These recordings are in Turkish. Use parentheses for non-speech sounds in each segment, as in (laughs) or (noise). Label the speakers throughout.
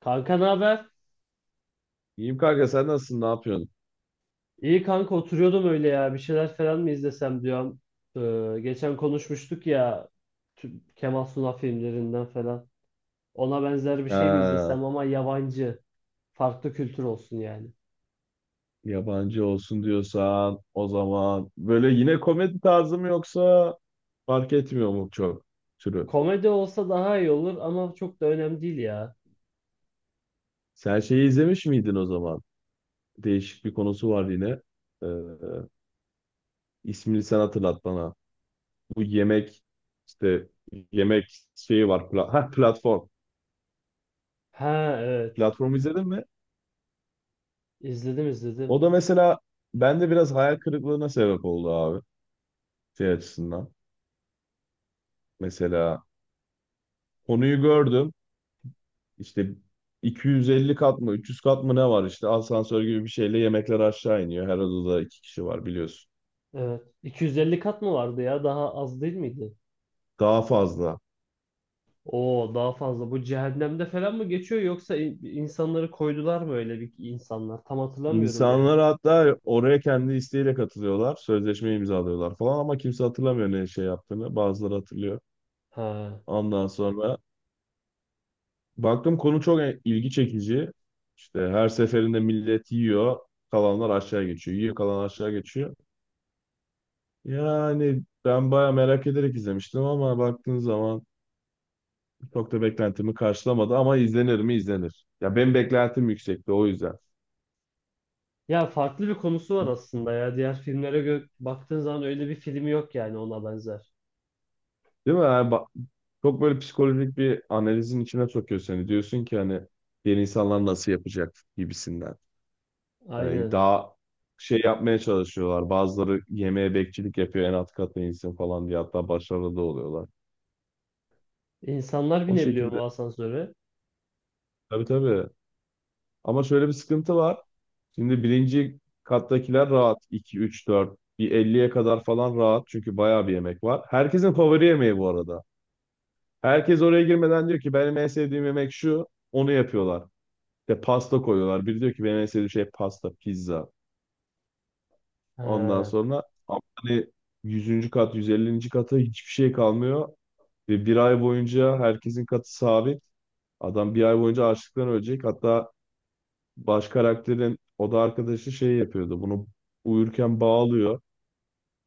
Speaker 1: Kanka ne haber?
Speaker 2: İyiyim kanka sen nasılsın ne yapıyorsun?
Speaker 1: İyi kanka oturuyordum öyle ya. Bir şeyler falan mı izlesem diyorum. Geçen konuşmuştuk ya Kemal Sunal filmlerinden falan. Ona benzer bir şey mi
Speaker 2: Ha,
Speaker 1: izlesem ama yabancı. Farklı kültür olsun yani.
Speaker 2: yabancı olsun diyorsan o zaman böyle yine komedi tarzı mı yoksa fark etmiyor mu çok türü?
Speaker 1: Komedi olsa daha iyi olur ama çok da önemli değil ya.
Speaker 2: Sen şeyi izlemiş miydin o zaman? Değişik bir konusu var yine. Ee, ismini sen hatırlat bana. Bu yemek işte yemek şeyi var. Platform.
Speaker 1: Ha, evet.
Speaker 2: Platformu izledin mi?
Speaker 1: İzledim,
Speaker 2: O
Speaker 1: izledim.
Speaker 2: da mesela bende biraz hayal kırıklığına sebep oldu abi şey açısından. Mesela konuyu gördüm. İşte 250 kat mı 300 kat mı ne var işte asansör gibi bir şeyle yemekler aşağı iniyor. Her odada iki kişi var biliyorsun.
Speaker 1: Evet. 250 kat mı vardı ya? Daha az değil miydi?
Speaker 2: Daha fazla.
Speaker 1: Oo, daha fazla. Bu cehennemde falan mı geçiyor yoksa insanları koydular mı öyle bir insanlar? Tam hatırlamıyorum yani.
Speaker 2: İnsanlar hatta oraya kendi isteğiyle katılıyorlar. Sözleşme imzalıyorlar falan ama kimse hatırlamıyor ne şey yaptığını. Bazıları hatırlıyor.
Speaker 1: Ha.
Speaker 2: Ondan sonra baktım konu çok ilgi çekici. İşte her seferinde millet yiyor. Kalanlar aşağı geçiyor. Yiyor kalan aşağı geçiyor. Yani ben baya merak ederek izlemiştim ama baktığın zaman çok da beklentimi karşılamadı ama izlenir mi izlenir. Ya benim beklentim yüksekti o yüzden.
Speaker 1: Ya farklı bir konusu var aslında ya. Diğer filmlere baktığın zaman öyle bir film yok yani ona benzer.
Speaker 2: Değil mi? Çok böyle psikolojik bir analizin içine sokuyor seni. Diyorsun ki hani diğer insanlar nasıl yapacak gibisinden. Hani
Speaker 1: Aynen.
Speaker 2: daha şey yapmaya çalışıyorlar. Bazıları yemeğe bekçilik yapıyor en alt katta insin falan diye hatta başarılı da oluyorlar.
Speaker 1: İnsanlar
Speaker 2: O
Speaker 1: binebiliyor mu
Speaker 2: şekilde.
Speaker 1: asansöre?
Speaker 2: Tabii tabii. Ama şöyle bir sıkıntı var. Şimdi birinci kattakiler rahat. İki 3 4 bir elliye kadar falan rahat çünkü bayağı bir yemek var. Herkesin favori yemeği bu arada. Herkes oraya girmeden diyor ki benim en sevdiğim yemek şu. Onu yapıyorlar. İşte pasta koyuyorlar. Biri diyor ki benim en sevdiğim şey pasta, pizza. Ondan
Speaker 1: Ha.
Speaker 2: sonra ama hani 100. kat, 150. kata hiçbir şey kalmıyor. Ve bir ay boyunca herkesin katı sabit. Adam bir ay boyunca açlıktan ölecek. Hatta baş karakterin o da arkadaşı şey yapıyordu. Bunu uyurken bağlıyor.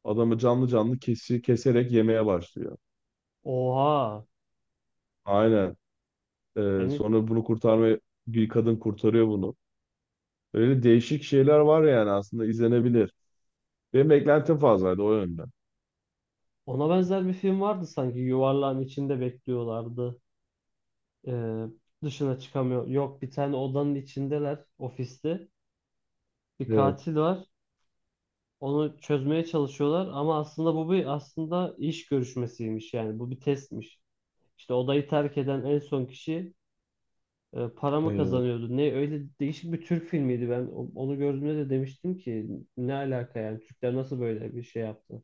Speaker 2: Adamı canlı canlı keserek yemeye başlıyor.
Speaker 1: Oha.
Speaker 2: Aynen.
Speaker 1: Yani
Speaker 2: Sonra bunu kurtarmaya bir kadın kurtarıyor bunu. Öyle değişik şeyler var yani aslında izlenebilir. Benim beklentim fazlaydı o yönden.
Speaker 1: ona benzer bir film vardı sanki. Yuvarlağın içinde bekliyorlardı. Ee, dışına çıkamıyor. Yok, bir tane odanın içindeler, ofiste. Bir
Speaker 2: Evet.
Speaker 1: katil var. Onu çözmeye çalışıyorlar ama aslında bu bir aslında iş görüşmesiymiş yani. Bu bir testmiş. İşte odayı terk eden en son kişi para mı
Speaker 2: Evet.
Speaker 1: kazanıyordu. Ne öyle değişik bir Türk filmiydi ben. Onu gördüğümde de demiştim ki ne alaka yani, Türkler nasıl böyle bir şey yaptı?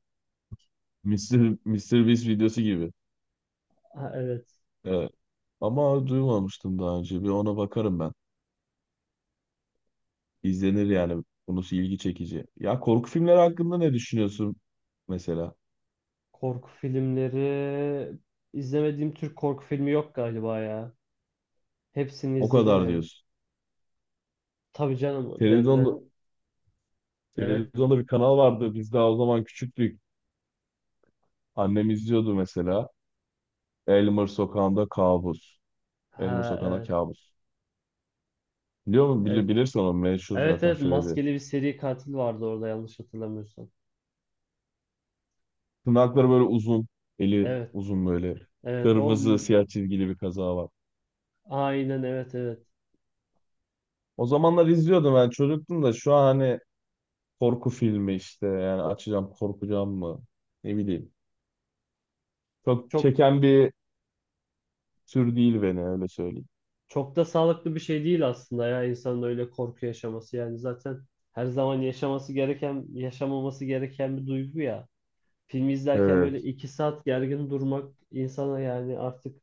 Speaker 2: Mister Mr. Beast videosu gibi.
Speaker 1: Ha, evet.
Speaker 2: Evet. Ama duymamıştım daha önce. Bir ona bakarım ben. İzlenir yani. Konusu ilgi çekici. Ya korku filmleri hakkında ne düşünüyorsun mesela?
Speaker 1: Korku filmleri izlemediğim Türk korku filmi yok galiba ya. Hepsini
Speaker 2: O
Speaker 1: izledim
Speaker 2: kadar
Speaker 1: yani.
Speaker 2: diyorsun.
Speaker 1: Tabii canım yani
Speaker 2: Televizyonda,
Speaker 1: ben. Evet.
Speaker 2: televizyonda bir kanal vardı. Biz daha o zaman küçüktük. Annem izliyordu mesela. Elmer Sokağı'nda Kabus. Elmer
Speaker 1: Ha,
Speaker 2: Sokağı'nda
Speaker 1: evet,
Speaker 2: Kabus. Biliyor musun?
Speaker 1: evet.
Speaker 2: Bilirsin onu. Meşhur
Speaker 1: Evet,
Speaker 2: zaten
Speaker 1: evet,
Speaker 2: Freddy.
Speaker 1: maskeli bir seri katil vardı orada yanlış hatırlamıyorsam.
Speaker 2: Tırnakları böyle uzun. Eli
Speaker 1: Evet,
Speaker 2: uzun böyle.
Speaker 1: evet o,
Speaker 2: Kırmızı siyah çizgili bir kazağı var.
Speaker 1: aynen, evet, evet.
Speaker 2: O zamanlar izliyordum ben çocuktum da şu an hani korku filmi işte yani açacağım korkacağım mı ne bileyim. Çok
Speaker 1: Çok
Speaker 2: çeken bir tür değil beni öyle söyleyeyim.
Speaker 1: Çok da sağlıklı bir şey değil aslında ya, insanın öyle korku yaşaması. Yani zaten her zaman yaşaması gereken, yaşamaması gereken bir duygu ya. Filmi izlerken böyle
Speaker 2: Evet.
Speaker 1: 2 saat gergin durmak insana yani artık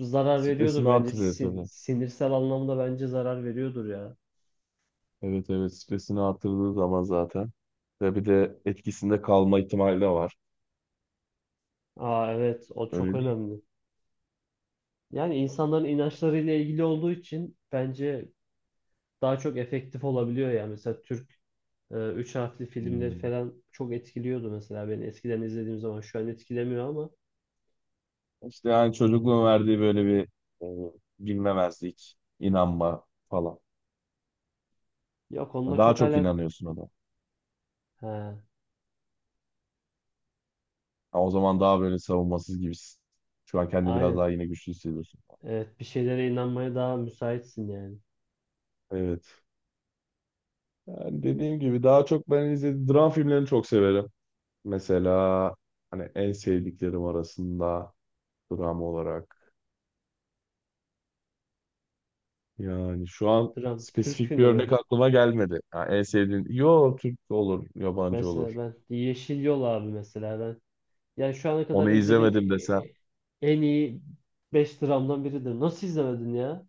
Speaker 1: zarar veriyordur
Speaker 2: Stresini
Speaker 1: bence.
Speaker 2: artırıyor tabii.
Speaker 1: Sinirsel anlamda bence zarar veriyordur ya.
Speaker 2: Evet evet stresini artırdığı zaman zaten. Ve bir de etkisinde kalma ihtimali de var.
Speaker 1: Aa, evet, o çok
Speaker 2: Öyle değil mi?
Speaker 1: önemli. Yani insanların inançlarıyla ilgili olduğu için bence daha çok efektif olabiliyor ya. Mesela Türk üç harfli filmleri
Speaker 2: Hmm.
Speaker 1: falan çok etkiliyordu mesela beni eskiden, izlediğim zaman. Şu an etkilemiyor ama
Speaker 2: İşte yani çocukluğun verdiği böyle bir e, bilmemezlik, inanma falan.
Speaker 1: yok, onunla
Speaker 2: Daha
Speaker 1: çok
Speaker 2: çok
Speaker 1: alak.
Speaker 2: inanıyorsun ona.
Speaker 1: Ha,
Speaker 2: Ha, o zaman daha böyle savunmasız gibisin. Şu an kendini biraz
Speaker 1: aynen.
Speaker 2: daha yine güçlü hissediyorsun.
Speaker 1: Evet, bir şeylere inanmaya daha müsaitsin yani.
Speaker 2: Evet. Yani dediğim gibi daha çok ben izlediğim dram filmlerini çok severim. Mesela hani en sevdiklerim arasında dram olarak. Yani şu an
Speaker 1: Dram Türk
Speaker 2: spesifik bir
Speaker 1: filmi
Speaker 2: örnek
Speaker 1: mi?
Speaker 2: aklıma gelmedi. Ha, en sevdiğin, yo Türk olur, yabancı
Speaker 1: Mesela
Speaker 2: olur.
Speaker 1: ben Yeşil Yol abi, mesela ben. Yani şu ana kadar
Speaker 2: Onu
Speaker 1: izlediğim
Speaker 2: izlemedim desem,
Speaker 1: e, en iyi 5 dramdan biridir. Nasıl izlemedin ya?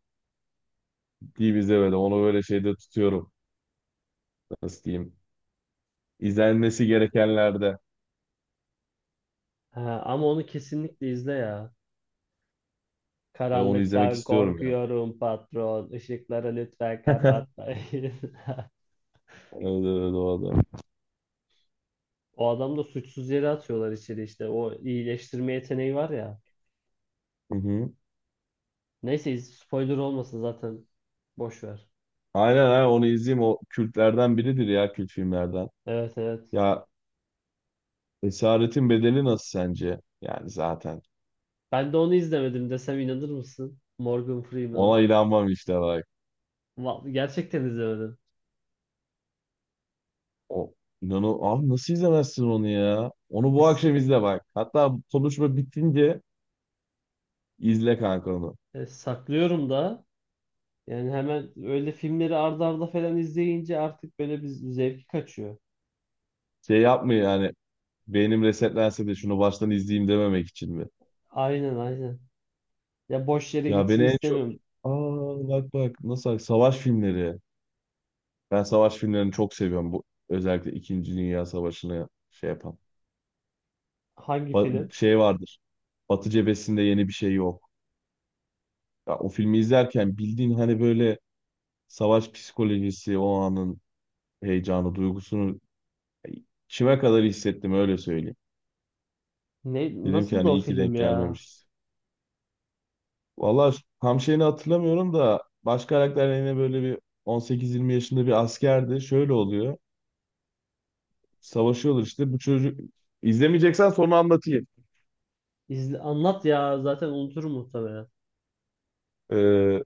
Speaker 2: değil izlemedim. Onu böyle şeyde tutuyorum. Nasıl diyeyim? İzlenmesi gerekenlerde.
Speaker 1: Ha, ama onu kesinlikle izle ya.
Speaker 2: Onu izlemek
Speaker 1: Karanlıktan
Speaker 2: istiyorum
Speaker 1: korkuyorum patron. Işıkları lütfen
Speaker 2: ya. (laughs)
Speaker 1: kapatmayın. (laughs)
Speaker 2: Evet evet o adam.
Speaker 1: O adam da, suçsuz yere atıyorlar içeri işte. O iyileştirme yeteneği var ya.
Speaker 2: Hı hı.
Speaker 1: Neyse, spoiler olmasın zaten. Boş ver.
Speaker 2: Aynen aynen onu izleyeyim. O kültlerden biridir ya kült filmlerden.
Speaker 1: Evet, evet.
Speaker 2: Ya Esaretin Bedeli nasıl sence? Yani zaten.
Speaker 1: Ben de onu izlemedim desem inanır mısın? Morgan
Speaker 2: Ona
Speaker 1: Freeman'ın.
Speaker 2: inanmam işte bak.
Speaker 1: Gerçekten izlemedim.
Speaker 2: O inanı abi nasıl izlemezsin onu ya? Onu
Speaker 1: E,
Speaker 2: bu
Speaker 1: s-
Speaker 2: akşam izle bak. Hatta konuşma bitince izle kanka onu.
Speaker 1: saklıyorum da. Yani hemen öyle filmleri arda arda falan izleyince artık böyle bir zevki kaçıyor.
Speaker 2: Şey yapmıyor yani beynim resetlense de şunu baştan izleyeyim dememek için mi?
Speaker 1: Aynen, aynen. Ya boş yere
Speaker 2: Ya beni
Speaker 1: gitsin
Speaker 2: en çok...
Speaker 1: istemiyorum.
Speaker 2: Aa, bak bak nasıl savaş filmleri. Ben savaş filmlerini çok seviyorum. Bu özellikle İkinci Dünya Savaşı'nı şey yapan.
Speaker 1: Hangi film?
Speaker 2: Şey vardır. Batı cephesinde yeni bir şey yok. Ya, o filmi izlerken bildiğin hani böyle savaş psikolojisi, o anın heyecanı, duygusunu kime kadar hissettim öyle söyleyeyim.
Speaker 1: Ne,
Speaker 2: Dedim ki
Speaker 1: nasıl da
Speaker 2: hani
Speaker 1: o
Speaker 2: iyi ki
Speaker 1: film
Speaker 2: denk
Speaker 1: ya?
Speaker 2: gelmemişiz. Valla tam şeyini hatırlamıyorum da baş karakter yine böyle bir 18-20 yaşında bir askerdi. Şöyle oluyor. Savaşıyorlar işte. Bu çocuk izlemeyeceksen sonra anlatayım.
Speaker 1: İzle, anlat ya, zaten unuturum muhtemelen.
Speaker 2: Ee,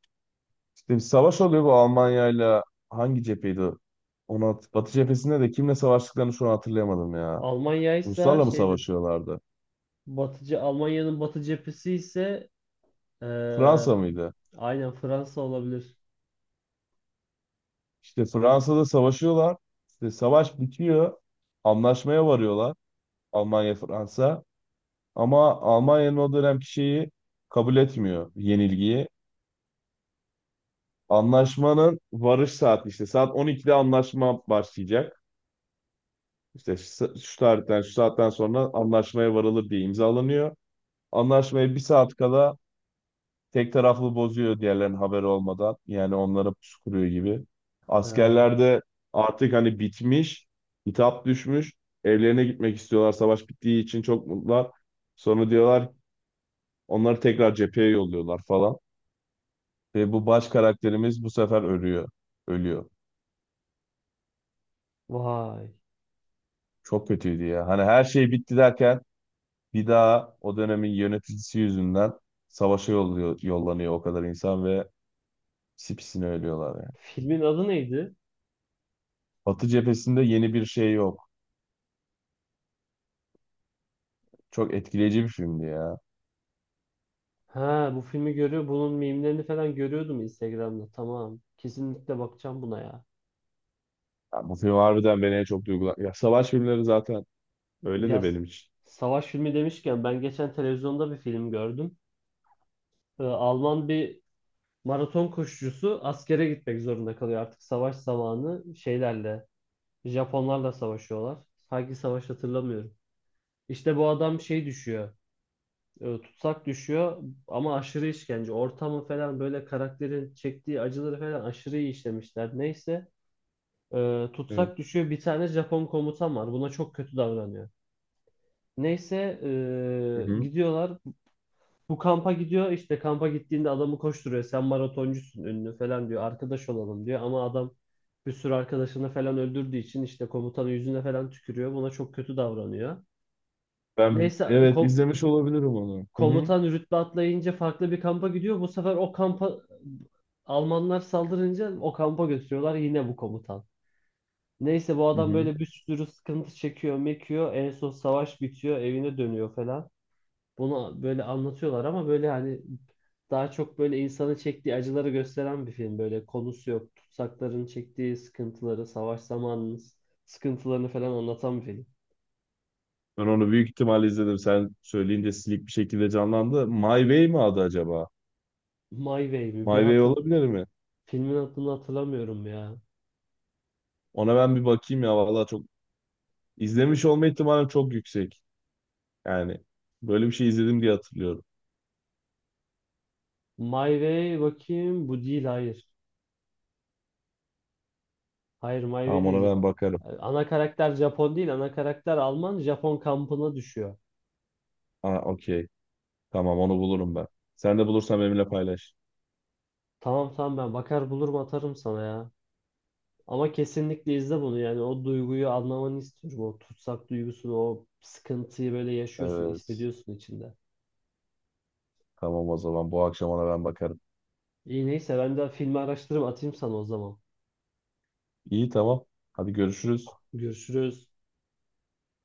Speaker 2: İşte bir savaş oluyor bu Almanya'yla hangi cepheydi o? Onu Batı cephesinde de kimle savaştıklarını şu an hatırlayamadım ya.
Speaker 1: Almanya'ysa
Speaker 2: Ruslarla mı
Speaker 1: şeydir.
Speaker 2: savaşıyorlardı?
Speaker 1: Batıcı Almanya'nın batı cephesi ise Ee,
Speaker 2: Fransa mıydı?
Speaker 1: aynen, Fransa olabilir.
Speaker 2: İşte Fransa'da savaşıyorlar. İşte savaş bitiyor. Anlaşmaya varıyorlar. Almanya Fransa. Ama Almanya'nın o dönemki şeyi kabul etmiyor yenilgiyi. Anlaşmanın varış saati işte saat 12'de anlaşma başlayacak. İşte şu şu tarihten şu saatten sonra anlaşmaya varılır diye imzalanıyor. Anlaşmayı bir saat kala tek taraflı bozuyor diğerlerinin haberi olmadan. Yani onlara pusu kuruyor gibi.
Speaker 1: Ha,
Speaker 2: Askerler de artık hani bitmiş, hitap düşmüş. Evlerine gitmek istiyorlar. Savaş bittiği için çok mutlular. Sonra diyorlar onları tekrar cepheye yolluyorlar falan. Ve bu baş karakterimiz bu sefer ölüyor. Ölüyor.
Speaker 1: vay.
Speaker 2: Çok kötüydü ya. Hani her şey bitti derken bir daha o dönemin yöneticisi yüzünden savaşa yolluyor, yollanıyor o kadar insan ve pisi ölüyorlar yani.
Speaker 1: Filmin adı neydi?
Speaker 2: Batı cephesinde yeni bir şey yok. Çok etkileyici bir filmdi ya.
Speaker 1: Ha, bu filmi görüyor. Bunun mimlerini falan görüyordum Instagram'da. Tamam. Kesinlikle bakacağım buna ya.
Speaker 2: Ya bu film harbiden beni en çok duygulan. Ya savaş filmleri zaten öyle de
Speaker 1: Biraz
Speaker 2: benim için.
Speaker 1: savaş filmi demişken, ben geçen televizyonda bir film gördüm. Alman bir maraton koşucusu askere gitmek zorunda kalıyor artık savaş zamanı şeylerle. Japonlarla savaşıyorlar. Hangi savaş hatırlamıyorum. İşte bu adam şey düşüyor. Tutsak düşüyor ama aşırı işkence. Ortamı falan böyle, karakterin çektiği acıları falan aşırı iyi işlemişler. Neyse,
Speaker 2: Evet.
Speaker 1: tutsak düşüyor. Bir tane Japon komutan var. Buna çok kötü davranıyor. Neyse,
Speaker 2: Hı hı.
Speaker 1: gidiyorlar. Bu kampa gidiyor. İşte kampa gittiğinde adamı koşturuyor. Sen maratoncusun, ünlü, falan diyor. Arkadaş olalım diyor. Ama adam, bir sürü arkadaşını falan öldürdüğü için işte, komutanın yüzüne falan tükürüyor. Buna çok kötü davranıyor.
Speaker 2: Ben
Speaker 1: Neyse
Speaker 2: evet
Speaker 1: kom-
Speaker 2: izlemiş olabilirim onu. Hı hı.
Speaker 1: komutan rütbe atlayınca farklı bir kampa gidiyor. Bu sefer o kampa Almanlar saldırınca o kampa götürüyorlar yine bu komutan. Neyse bu
Speaker 2: Hı
Speaker 1: adam
Speaker 2: hı.
Speaker 1: böyle bir sürü sıkıntı çekiyor, mekiyor. En son savaş bitiyor, evine dönüyor falan. Bunu böyle anlatıyorlar ama böyle hani daha çok böyle insanın çektiği acıları gösteren bir film. Böyle konusu yok. Tutsakların çektiği sıkıntıları, savaş zamanının sıkıntılarını falan anlatan bir film.
Speaker 2: Ben onu büyük ihtimalle izledim. Sen söyleyince silik bir şekilde canlandı. My Way mi adı acaba?
Speaker 1: My Way mi?
Speaker 2: My Way olabilir mi?
Speaker 1: Filmin adını hatırlamıyorum ya.
Speaker 2: Ona ben bir bakayım ya. Vallahi çok izlemiş olma ihtimalim çok yüksek. Yani böyle bir şey izledim diye hatırlıyorum.
Speaker 1: My Way, bakayım, bu değil, hayır. Hayır, My Way
Speaker 2: Tamam ona
Speaker 1: değil.
Speaker 2: ben bakarım.
Speaker 1: Ana karakter Japon değil, ana karakter Alman, Japon kampına düşüyor.
Speaker 2: Aa okey. Tamam onu bulurum ben. Sen de bulursan benimle paylaş.
Speaker 1: Tamam, tamam, ben bakar bulurum, atarım sana ya. Ama kesinlikle izle bunu, yani o duyguyu anlamanı istiyorum. O tutsak duygusunu, o sıkıntıyı böyle yaşıyorsun,
Speaker 2: Evet.
Speaker 1: hissediyorsun içinde.
Speaker 2: Tamam o zaman bu akşamına ben bakarım.
Speaker 1: İyi, neyse, ben de filmi araştırırım, atayım sana o zaman.
Speaker 2: İyi tamam. Hadi görüşürüz.
Speaker 1: Görüşürüz.